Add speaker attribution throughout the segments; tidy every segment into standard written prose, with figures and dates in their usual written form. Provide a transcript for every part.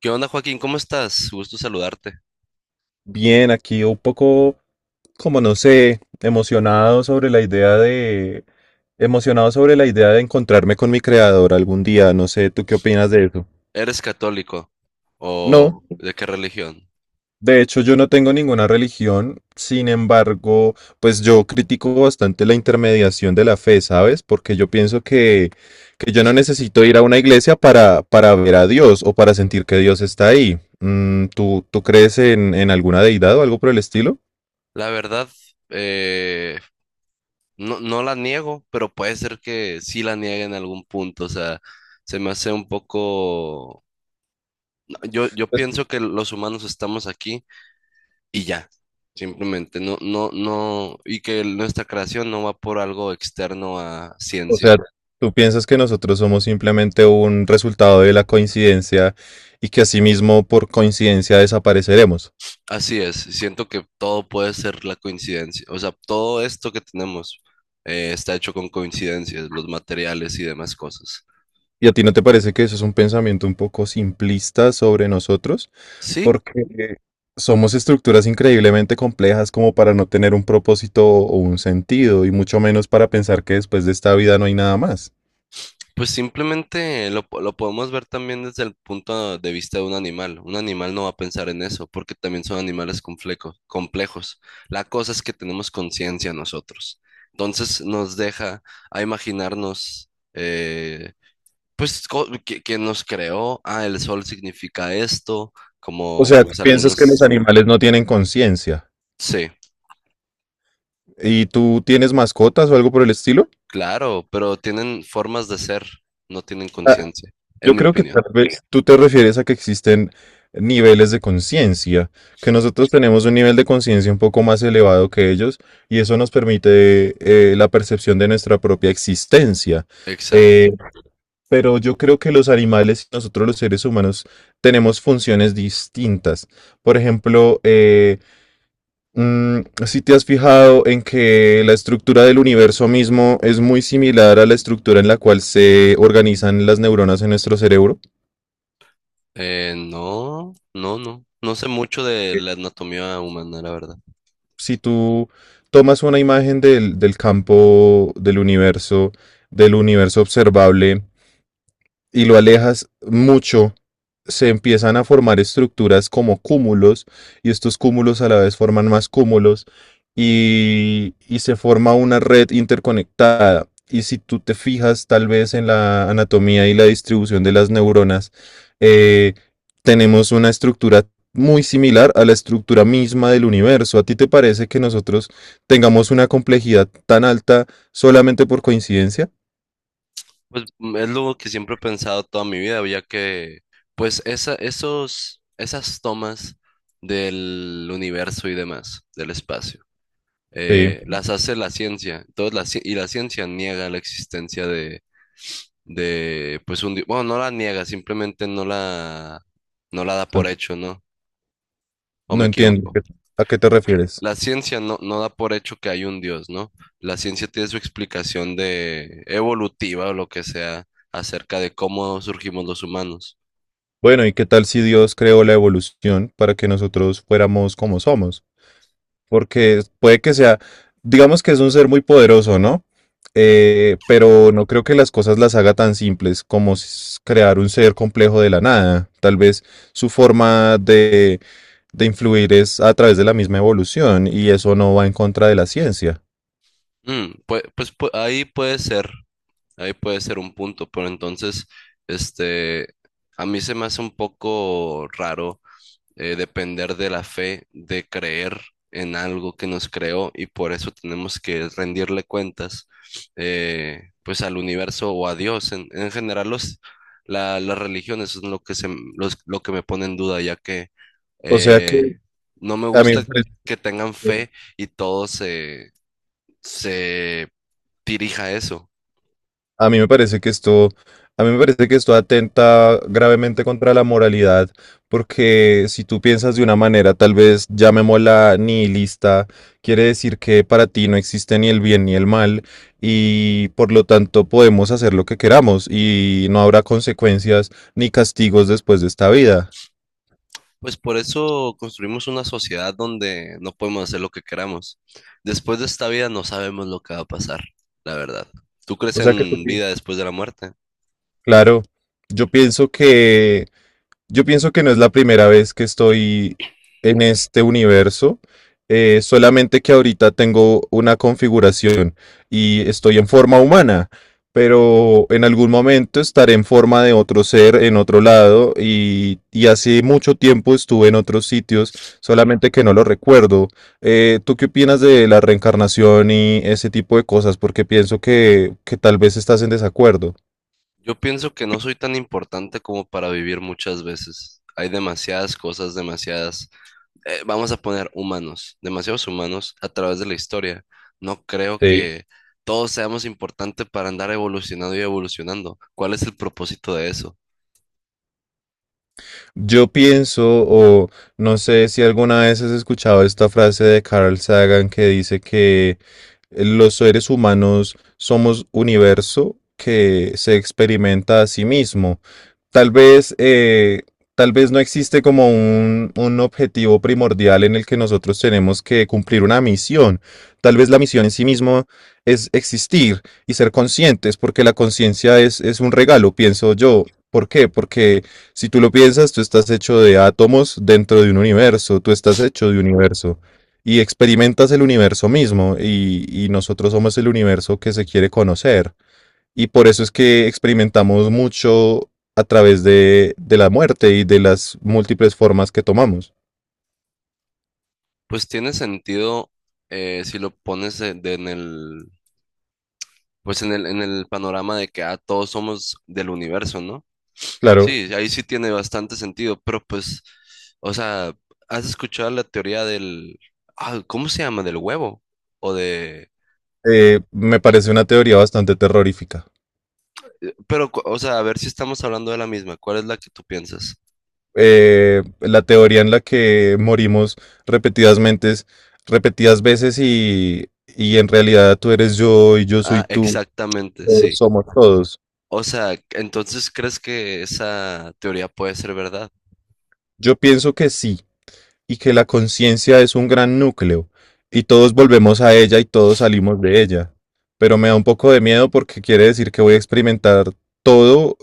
Speaker 1: ¿Qué onda, Joaquín? ¿Cómo estás? Gusto saludarte.
Speaker 2: Bien, aquí un poco, como no sé, emocionado sobre la idea de, emocionado sobre la idea de encontrarme con mi creador algún día. No sé, ¿tú qué opinas de eso?
Speaker 1: ¿Eres católico
Speaker 2: No,
Speaker 1: o de qué religión?
Speaker 2: de hecho yo no tengo ninguna religión. Sin embargo, pues yo critico bastante la intermediación de la fe, ¿sabes? Porque yo pienso que yo no necesito ir a una iglesia para ver a Dios o para sentir que Dios está ahí. Mm, ¿tú crees en alguna deidad o algo por el estilo?
Speaker 1: La verdad, eh, no, no la niego, pero puede ser que sí la niegue en algún punto. O sea, se me hace un poco... Yo pienso que los humanos estamos aquí y ya, simplemente. No, no, no, y que nuestra creación no va por algo externo a
Speaker 2: O
Speaker 1: ciencia.
Speaker 2: sea, tú piensas que nosotros somos simplemente un resultado de la coincidencia y que asimismo por coincidencia desapareceremos.
Speaker 1: Así es, siento que todo puede ser la coincidencia, o sea, todo esto que tenemos está hecho con coincidencias, los materiales y demás cosas.
Speaker 2: ¿Y a ti no te parece que eso es un pensamiento un poco simplista sobre nosotros?
Speaker 1: Sí,
Speaker 2: Porque somos estructuras increíblemente complejas como para no tener un propósito o un sentido, y mucho menos para pensar que después de esta vida no hay nada más.
Speaker 1: pues simplemente lo podemos ver también desde el punto de vista de un animal. Un animal no va a pensar en eso, porque también son animales complejos, complejos. La cosa es que tenemos conciencia nosotros. Entonces nos deja a imaginarnos pues que nos creó, ah, el sol significa esto,
Speaker 2: O
Speaker 1: como
Speaker 2: sea, ¿tú
Speaker 1: pues
Speaker 2: piensas que los
Speaker 1: algunos,
Speaker 2: animales no tienen conciencia?
Speaker 1: sí,
Speaker 2: ¿Y tú tienes mascotas o algo por el estilo?
Speaker 1: claro, pero tienen formas de ser, no tienen conciencia, en
Speaker 2: Yo
Speaker 1: mi
Speaker 2: creo que
Speaker 1: opinión.
Speaker 2: tal vez tú te refieres a que existen niveles de conciencia, que nosotros tenemos un nivel de conciencia un poco más elevado que ellos y eso nos permite la percepción de nuestra propia existencia.
Speaker 1: Exacto.
Speaker 2: Eh, pero yo creo que los animales y nosotros los seres humanos tenemos funciones distintas. Por ejemplo, mm, si te has fijado en que la estructura del universo mismo es muy similar a la estructura en la cual se organizan las neuronas en nuestro cerebro.
Speaker 1: No, no, no, no sé mucho de la anatomía humana, la verdad.
Speaker 2: Si tú tomas una imagen del campo del universo observable, y lo alejas mucho, se empiezan a formar estructuras como cúmulos, y estos cúmulos a la vez forman más cúmulos y se forma una red interconectada. Y si tú te fijas tal vez en la anatomía y la distribución de las neuronas, eh, tenemos una estructura muy similar a la estructura misma del universo. ¿A ti te parece que nosotros tengamos una complejidad tan alta solamente por coincidencia?
Speaker 1: Pues mm, es lo que siempre he pensado toda mi vida, ya que pues esa, esos, esas tomas del universo y demás, del espacio.
Speaker 2: Sí,
Speaker 1: Las hace la ciencia. Entonces, la, ci- y la ciencia niega la existencia de pues un Dios. Bueno, no la niega, simplemente no la, no la da por
Speaker 2: son.
Speaker 1: hecho, ¿no? ¿O
Speaker 2: No
Speaker 1: me
Speaker 2: entiendo
Speaker 1: equivoco?
Speaker 2: a a qué te refieres.
Speaker 1: La ciencia no, no da por hecho que hay un Dios, ¿no? La ciencia tiene su explicación de evolutiva o lo que sea acerca de cómo surgimos los humanos.
Speaker 2: Bueno, ¿y qué tal si Dios creó la evolución para que nosotros fuéramos como somos? Porque puede que sea, digamos que es un ser muy poderoso, ¿no? Pero no creo que las cosas las haga tan simples como crear un ser complejo de la nada. Tal vez su forma de influir es a través de la misma evolución y eso no va en contra de la ciencia.
Speaker 1: Mm, pues ahí puede ser un punto, pero entonces, este, a mí se me hace un poco raro depender de la fe, de creer en algo que nos creó y por eso tenemos que rendirle cuentas pues al universo o a Dios. En general las religiones son lo que, se, lo que me pone en duda ya que
Speaker 2: O sea que
Speaker 1: eh, no me
Speaker 2: a mí me
Speaker 1: gusta
Speaker 2: parece
Speaker 1: que tengan
Speaker 2: que
Speaker 1: fe y todo se dirija a eso.
Speaker 2: a mí me parece que esto, a mí me parece que esto atenta gravemente contra la moralidad, porque si tú piensas de una manera, tal vez llamémosla nihilista, quiere decir que para ti no existe ni el bien ni el mal, y por lo tanto podemos hacer lo que queramos y no habrá consecuencias ni castigos después de esta vida.
Speaker 1: Pues por eso construimos una sociedad donde no podemos hacer lo que queramos. Después de esta vida no sabemos lo que va a pasar, la verdad. ¿Tú crees
Speaker 2: O sea que tú
Speaker 1: en
Speaker 2: pi-.
Speaker 1: vida después de la muerte?
Speaker 2: Claro, yo pienso que yo pienso que no es la primera vez que estoy en este universo, solamente que ahorita tengo una configuración y estoy en forma humana, pero en algún momento estaré en forma de otro ser en otro lado y hace mucho tiempo estuve en otros sitios, solamente que no lo recuerdo. ¿Tú qué opinas de la reencarnación y ese tipo de cosas? Porque pienso que tal vez estás en desacuerdo.
Speaker 1: Yo pienso que no soy tan importante como para vivir muchas veces. Hay demasiadas cosas, demasiadas, vamos a poner humanos, demasiados humanos a través de la historia. No creo
Speaker 2: Sí.
Speaker 1: que todos seamos importantes para andar evolucionando y evolucionando. ¿Cuál es el propósito de eso?
Speaker 2: Yo pienso, o no sé si alguna vez has escuchado esta frase de Carl Sagan que dice que los seres humanos somos universo que se experimenta a sí mismo. Tal vez, eh, tal vez no existe como un objetivo primordial en el que nosotros tenemos que cumplir una misión. Tal vez la misión en sí mismo es existir y ser conscientes, porque la conciencia es un regalo, pienso yo. ¿Por qué? Porque si tú lo piensas, tú estás hecho de átomos dentro de un universo, tú estás hecho de universo y experimentas el universo mismo y nosotros somos el universo que se quiere conocer. Y por eso es que experimentamos mucho a través de la muerte y de las múltiples formas que tomamos.
Speaker 1: Pues tiene sentido si lo pones de en el, pues en el panorama de que ah, todos somos del universo, ¿no?
Speaker 2: Claro,
Speaker 1: Sí, ahí sí tiene bastante sentido, pero pues, o sea, ¿has escuchado la teoría del, ah, ¿cómo se llama? Del huevo o de,
Speaker 2: me parece una teoría bastante terrorífica.
Speaker 1: pero, o sea, a ver si estamos hablando de la misma. ¿Cuál es la que tú piensas?
Speaker 2: La teoría en la que morimos repetidas mentes, repetidas veces y en realidad tú eres yo y yo soy
Speaker 1: Ah,
Speaker 2: tú,
Speaker 1: exactamente,
Speaker 2: todos
Speaker 1: sí.
Speaker 2: somos todos.
Speaker 1: O sea, entonces, ¿crees que esa teoría puede ser verdad?
Speaker 2: Yo pienso que sí, y que la conciencia es un gran núcleo y todos volvemos a ella y todos salimos de ella. Pero me da un poco de miedo porque quiere decir que voy a experimentar todo,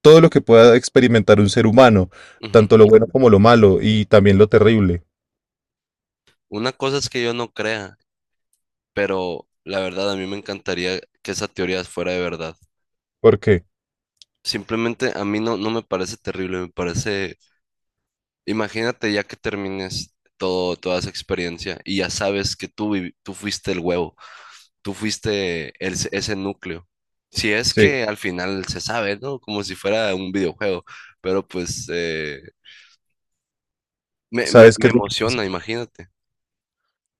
Speaker 2: todo lo que pueda experimentar un ser humano,
Speaker 1: Ujú.
Speaker 2: tanto lo bueno como lo malo y también lo terrible.
Speaker 1: Una cosa es que yo no crea, pero la verdad a mí me encantaría que esa teoría fuera de verdad.
Speaker 2: ¿Por qué
Speaker 1: Simplemente a mí no, no me parece terrible, me parece, imagínate ya que termines todo, toda esa experiencia y ya sabes que tú, tú fuiste el huevo, tú fuiste ese núcleo. Si es
Speaker 2: sí?
Speaker 1: que al final se sabe, ¿no? Como si fuera un videojuego, pero pues eh, me, me,
Speaker 2: ¿Sabes qué
Speaker 1: me
Speaker 2: es lo que pasa?
Speaker 1: emociona, imagínate.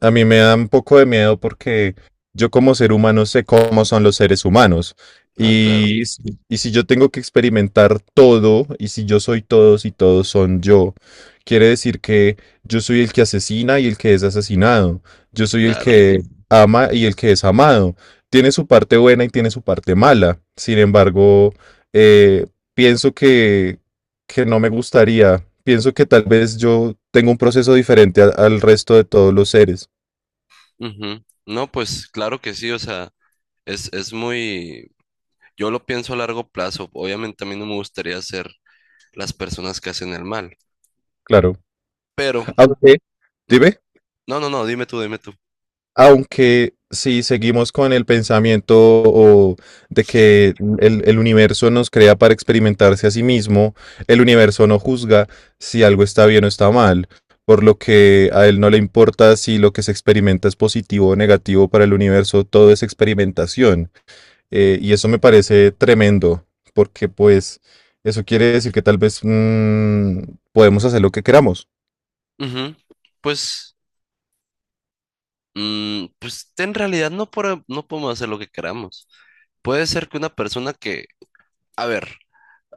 Speaker 2: A mí me da un poco de miedo porque yo como ser humano sé cómo son los seres humanos.
Speaker 1: Ah, claro,
Speaker 2: Y, y si yo tengo que experimentar todo, y si yo soy todos y todos son yo, quiere decir que yo soy el que asesina y el que es asesinado. Yo soy el
Speaker 1: claro.
Speaker 2: que ama y el que es amado. Tiene su parte buena y tiene su parte mala. Sin embargo, eh, pienso que no me gustaría. Pienso que tal vez yo tengo un proceso diferente al resto de todos los seres.
Speaker 1: Ujú. No, pues claro que sí, o sea, es muy, yo lo pienso a largo plazo. Obviamente a mí no me gustaría ser las personas que hacen el mal,
Speaker 2: Claro.
Speaker 1: pero...
Speaker 2: Aunque,
Speaker 1: Ujú.
Speaker 2: dime,
Speaker 1: No, no, no, dime tú, dime tú.
Speaker 2: aunque si seguimos con el pensamiento o de que el universo nos crea para experimentarse a sí mismo, el universo no juzga si algo está bien o está mal, por lo que a él no le importa si lo que se experimenta es positivo o negativo para el universo, todo es experimentación. Y eso me parece tremendo, porque pues eso quiere decir que tal vez podemos hacer lo que queramos.
Speaker 1: Ujú. Pues, mm, pues en realidad no, no podemos hacer lo que queramos. Puede ser que una persona que, a ver,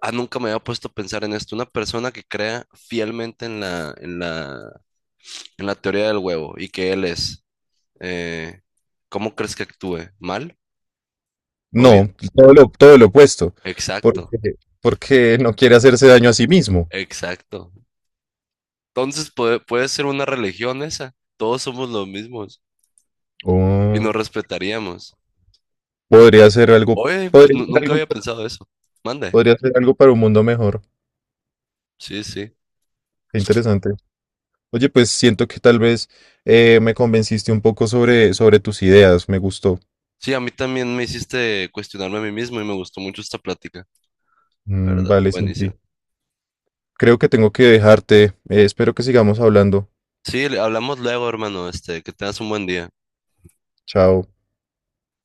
Speaker 1: ah, nunca me había puesto a pensar en esto, una persona que crea fielmente en la teoría del huevo y que él es, eh, ¿cómo crees que actúe? ¿Mal o bien?
Speaker 2: No, todo lo opuesto,
Speaker 1: Exacto,
Speaker 2: porque, porque no quiere hacerse daño a sí mismo.
Speaker 1: exacto. Entonces puede ser una religión esa. Todos somos los mismos y
Speaker 2: Oh,
Speaker 1: nos respetaríamos.
Speaker 2: podría ser algo,
Speaker 1: Oye, pues
Speaker 2: podría ser
Speaker 1: nunca
Speaker 2: algo,
Speaker 1: había pensado eso. Mande.
Speaker 2: podría ser algo para un mundo mejor.
Speaker 1: Sí, sí.
Speaker 2: Qué interesante. Oye, pues siento que tal vez me convenciste un poco sobre tus ideas. Me gustó.
Speaker 1: Sí, a mí también me hiciste cuestionarme a mí mismo y me gustó mucho esta plática, la
Speaker 2: Mm,
Speaker 1: ¿verdad?
Speaker 2: vale,
Speaker 1: Buenísimo.
Speaker 2: Santi. Creo que tengo que dejarte. Espero que sigamos hablando.
Speaker 1: Sí, hablamos luego, hermano. Este, que tengas un buen día.
Speaker 2: Chao.